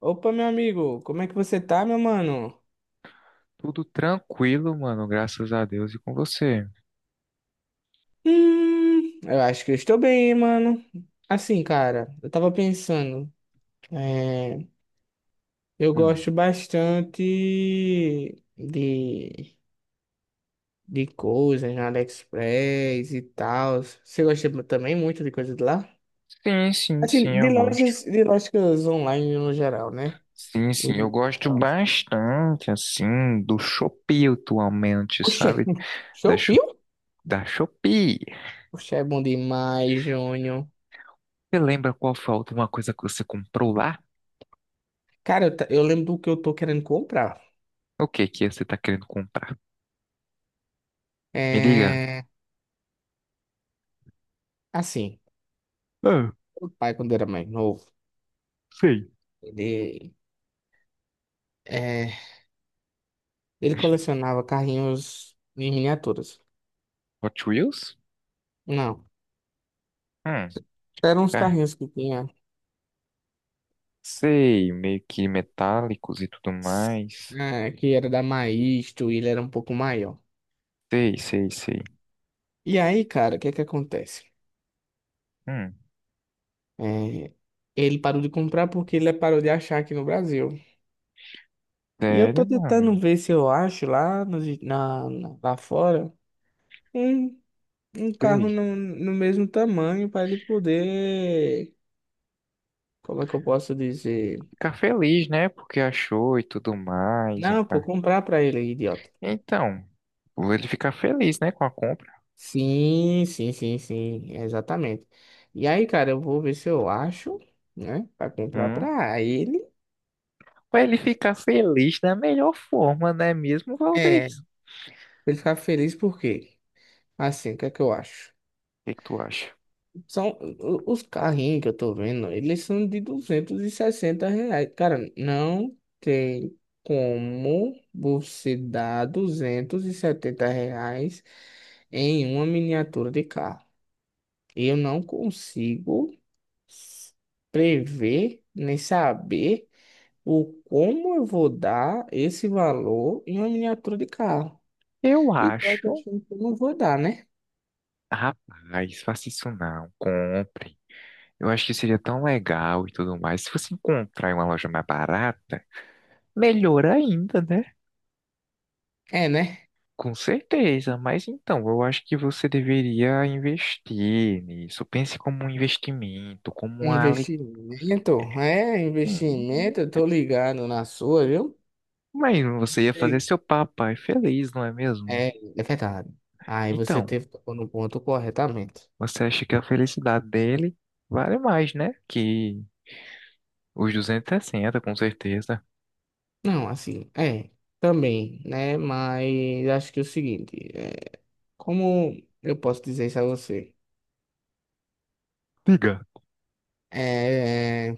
Opa, meu amigo, como é que você tá, meu mano? Tudo tranquilo, mano, graças a Deus e com você. Eu acho que eu estou bem, hein, mano. Assim, cara, eu tava pensando, é, eu Hum. gosto bastante de, de coisas na AliExpress e tal. Você gosta também muito de coisas de lá? Sim, sim, Assim, sim, eu de gosto. lojas, de lojas online no geral, né? Sim, sim, eu E gosto tal. bastante, assim, do Shopee atualmente, Oxê, sabe? Da, Sho- Shopee? da Shopee. Oxê, é bom demais, Júnior. Você lembra qual foi a última coisa que você comprou lá? Cara, eu lembro do que eu tô querendo comprar. O que que você tá querendo comprar? Me diga. É, assim, Ah, o pai, quando era mais novo, sei. ele, é, ele colecionava carrinhos em miniaturas. Hot Wheels? Não, Hum, eram uns tá. carrinhos que tinha, Sei, meio que metálicos e tudo mais. Que era da Maisto, e ele era um pouco maior. Sei, sei, sei. E aí, cara, o que que acontece? Hum, É, Ele parou de comprar porque ele parou de achar aqui no Brasil. E eu tô Sério, mano? tentando ver se eu acho lá, nos na, na- lá fora um, um carro Sei. no mesmo tamanho para ele poder. Como é que eu posso dizer? Ficar feliz, né? Porque achou e tudo mais, um Não, pô, carro. comprar pra ele, idiota. Então, ele ficar feliz, né, com a compra. Sim, sim, sim, sim, exatamente. E aí, cara, eu vou ver se eu acho, né, pra comprar Hum. pra ele. Ou ele ficar feliz da melhor forma, não é mesmo, Valdez? Pra O ele ficar feliz por quê? Assim, o que é que eu acho? que que tu acha? São os carrinhos que eu tô vendo, eles são de R$ 260. Cara, não tem como você dar R$ 270 em uma miniatura de carro. Eu não consigo s- prever nem saber o como eu vou dar esse valor em uma miniatura de carro. Eu E pior que eu tô acho. achando que eu não vou dar, né? Rapaz, faça isso não. Compre. Eu acho que seria tão legal e tudo mais. Se você encontrar em uma loja mais barata, melhor ainda, né? É, né? Com certeza, mas então, eu acho que você deveria investir nisso. Pense como um investimento, como uma. Investimento, investimento, Hum, eu tô ligado na sua, viu? Mas você ia fazer Sei. seu papai feliz, não é mesmo? É, é verdade. Aí você Então, teve tocou no ponto corretamente. você acha que a felicidade dele vale mais, né? Que os 260 com certeza. Não, assim, também, né? Mas acho que é o seguinte, como eu posso dizer isso a você? Diga. É,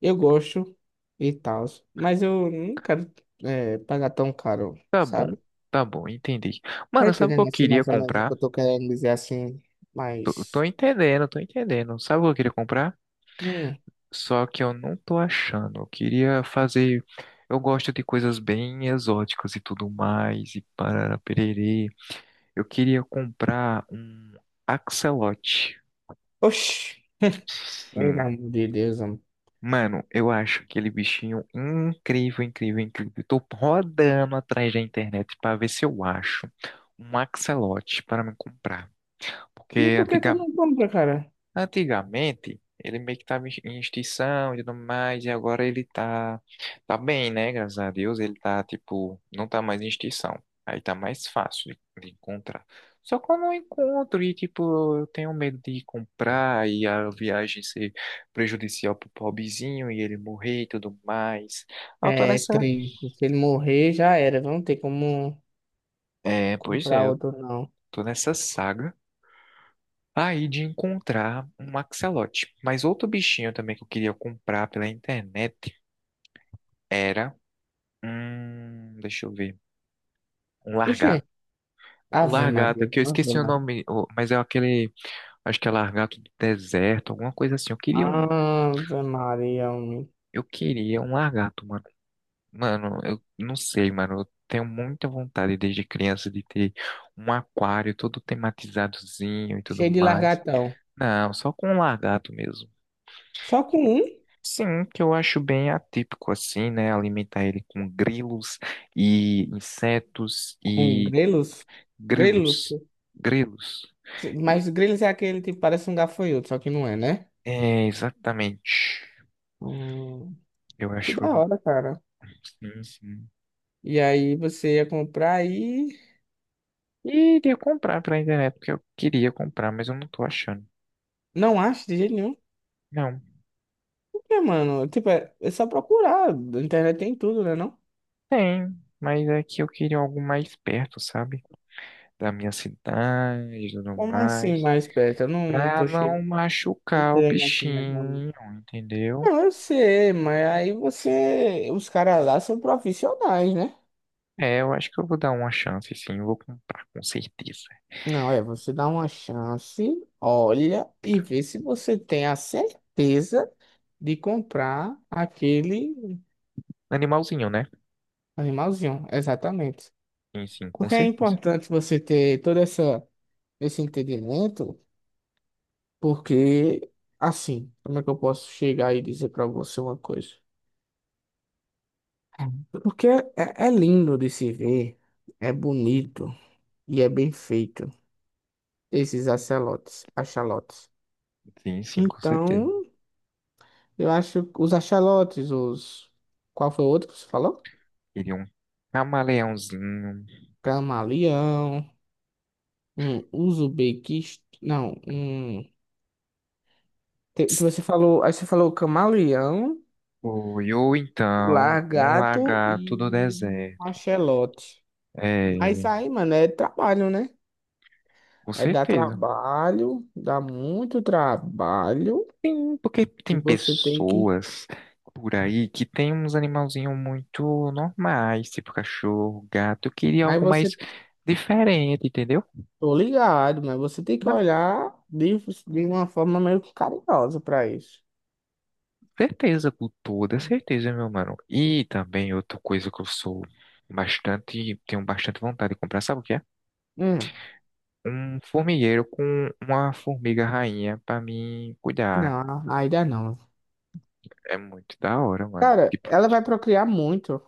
eu gosto e tal, mas eu não quero pagar tão caro, Tá bom, sabe? tá bom, entendi. Tá Mano, sabe o que eu entendendo assim queria mais ou menos o que comprar? eu tô querendo dizer assim, Tô mas... entendendo, tô entendendo. Sabe o que eu queria comprar? Hum. Só que eu não tô achando. Eu queria fazer. Eu gosto de coisas bem exóticas e tudo mais, e parará pererê. Eu queria comprar um axolote. Oxi, pelo Sim. amor de Deus, amor. Mano, eu acho aquele bichinho incrível, incrível, incrível. Eu tô rodando atrás da internet pra ver se eu acho um axolote para me comprar. E Porque por que tu antiga- não compra, cara? Antigamente, ele meio que estava em extinção e tudo mais, e agora ele tá bem, né? Graças a Deus, ele tá, tipo, não tá mais em extinção. Aí tá mais fácil de encontrar. Só que eu não encontro e, tipo, eu tenho medo de comprar e a viagem ser prejudicial pro pobrezinho e ele morrer e tudo mais. Ah, eu tô É nessa. triste, se ele morrer já era, não tem como É, pois comprar é, eu outro não. tô nessa saga aí de encontrar um axolote. Mas outro bichinho também que eu queria comprar pela internet era um. Deixa eu ver. Um Oxê, largato. O Ave largato, Maria, é que eu Ave esqueci o Maria. nome, mas é aquele. Acho que é largato do deserto, alguma coisa assim. Eu queria um. Ave Maria, homem. Eu queria um largato, mano. Mano, eu não sei, mano. Eu tenho muita vontade desde criança de ter um aquário todo tematizadozinho e tudo Cheio de mais. largatão. Não, só com um lagarto mesmo. Só com um? Sim, que eu acho bem atípico assim, né? Alimentar ele com grilos e insetos Com e grelos? Grelos? grilos. Grilos. Mas Grylls é aquele tipo, parece um gafanhoto, só que não é, né? É, exatamente. Hum, Eu que da acho. hora, cara. Sim, sim. E aí você ia comprar e E iria comprar pela internet, porque eu queria comprar, mas eu não tô achando. não acha de jeito nenhum. Não, Por quê, mano? Tipo, é só procurar. Na internet tem tudo, né, não? tem, mas é que eu queria algo mais perto, sabe? Da minha cidade e tudo Como assim mais. mais perto? Eu não Pra tô não cheio. Tô machucar o entendendo assim, né? Mano? bichinho, entendeu? Não, eu sei, mas aí você. Os caras lá são profissionais, né? É, eu acho que eu vou dar uma chance, sim. Eu vou comprar, com certeza. Não, você dá uma chance, olha e vê se você tem a certeza de comprar aquele Animalzinho, né? animalzinho, exatamente. Sim, sim, com Porque é certeza. importante você ter todo esse entendimento, porque, assim, como é que eu posso chegar e dizer para você uma coisa? Porque é lindo de se ver, é bonito e é bem feito, esses axolotes, axolotes. Sim, sim, com certeza. Então, eu acho que os axolotes, os... Qual foi o outro que você falou? Queria um camaleãozinho. Camaleão, um uso Não, um... Você falou, aí você falou o camaleão, Foi, ou o então, um largato lagarto do e o deserto. axolote. Mas É, aí, mano, é trabalho, né? com É dar certeza. trabalho, dá muito trabalho Tem, porque e tem você tem que. pessoas por aí que tem uns animalzinhos muito normais, tipo cachorro, gato. Eu queria Mas algo mais você, diferente, entendeu? tô ligado, mas você tem que Na olhar de, uma forma meio que carinhosa pra isso. certeza, com toda certeza, meu mano. E também outra coisa que eu sou bastante, tenho bastante vontade de comprar, sabe o que é? Hum, Um formigueiro com uma formiga rainha pra mim cuidar. não, ainda não. É muito da hora, mano. Cara, Tipo, ela vai procriar muito.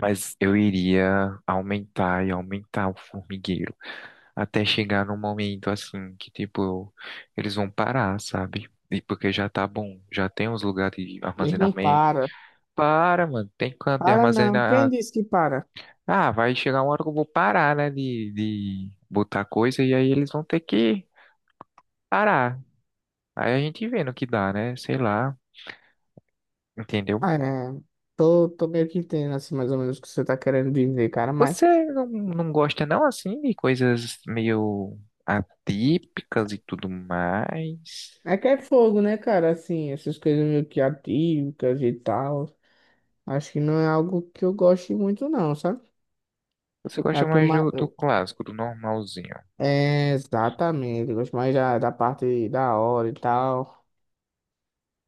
mas eu iria aumentar e aumentar o formigueiro até chegar num momento assim que, tipo, eles vão parar, sabe? E porque já tá bom, já tem uns lugares de Ele não armazenamento. para. Para, mano, tem canto de Para não. Quem armazenar. disse que para? Ah, vai chegar uma hora que eu vou parar, né, de botar coisa e aí eles vão ter que parar. Aí a gente vê no que dá, né? Sei lá, entendeu? Ah, é, tô meio que entendendo, assim, mais ou menos o que você tá querendo dizer, cara, mas Você não, não gosta não assim de coisas meio atípicas e tudo mais? é que é fogo, né, cara, assim, essas coisas meio que atívicas e tal, acho que não é algo que eu goste muito, não, sabe? Você É gosta o que eu mais mais... do eu- clássico, do normalzinho? É, exatamente, eu gosto mais da parte da hora e tal.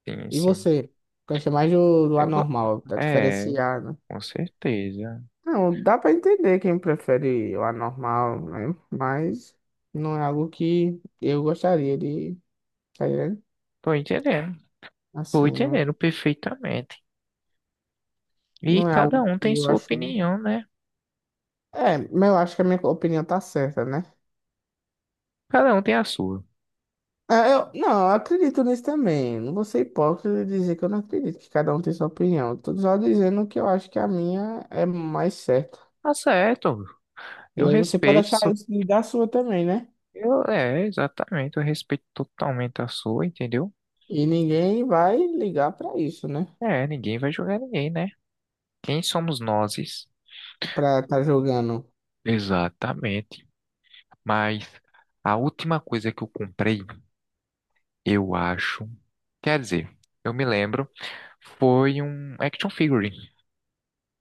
Sim, E sim. você? Gosta mais do Eu, go- anormal, tá é, diferenciado. com certeza. Não, dá pra entender quem prefere o anormal, né, mas não é algo que eu gostaria de, tá ligado? Tô entendendo. Tô Assim, não. entendendo perfeitamente. E Não é cada algo um que tem eu sua acho. opinião, né? É, mas eu acho que a minha opinião tá certa, né? Cada um tem a sua. É, eu, não, eu acredito nisso também. Não vou ser hipócrita de dizer que eu não acredito, que cada um tem sua opinião. Eu tô só dizendo que eu acho que a minha é mais certa. Tá certo. E Eu aí você pode respeito achar sua. isso e da sua também, né? Eu, é, exatamente. Eu respeito totalmente a sua, entendeu? E ninguém vai ligar pra isso, né? É, ninguém vai julgar ninguém, né? Quem somos nós? Pra tá jogando. Exatamente. Mas a última coisa que eu comprei, eu acho. Quer dizer, eu me lembro, foi um action figure.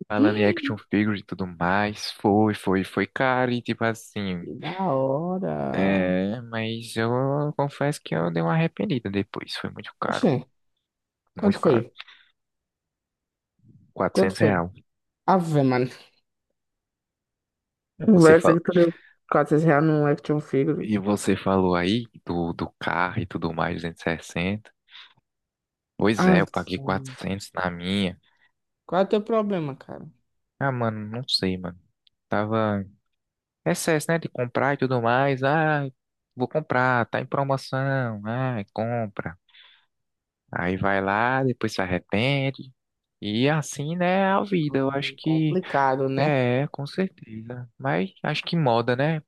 Falando em action figure e tudo mais, foi caro e tipo assim. Que da hora. É, mas eu confesso que eu dei uma arrependida depois. Foi muito caro, Oxê, quanto muito foi? caro. Quanto Quatrocentos foi? real. Ave, mano. Você Conversa falou. que tu deu R$ 400 num action figure. E você falou aí do carro e tudo mais, 260. Pois é, Ave, eu paguei mano. 400 na minha. Qual é o teu problema, cara? Ah, mano, não sei, mano. Tava excesso, né, de comprar e tudo mais. Ah, vou comprar, tá em promoção. Ah, compra. Aí vai lá, depois se arrepende. E assim, né, é a vida. Eu acho que Complicado, né? é, com certeza. Mas acho que moda, né?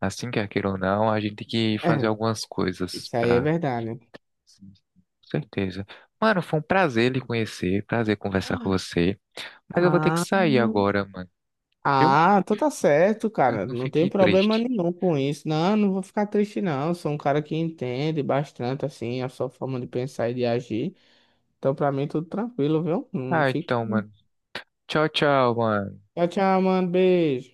Assim quer queira ou não, a gente tem que É, fazer algumas coisas isso aí é pra. verdade. Sim, sim. Com certeza. Mano, foi um prazer lhe conhecer, prazer conversar com você. Mas eu vou ter que Ah, sair agora, mano. Viu? ah, então tá certo, Espero cara. que não Não tem fique problema triste. nenhum com isso. Não, não vou ficar triste, não. Sou um cara que entende bastante, assim, a sua forma de pensar e de agir. Então, pra mim, tudo tranquilo, viu? Não Ah, fico. então, mano. Tchau, tchau, mano. Tchau, tchau, mano. Beijo.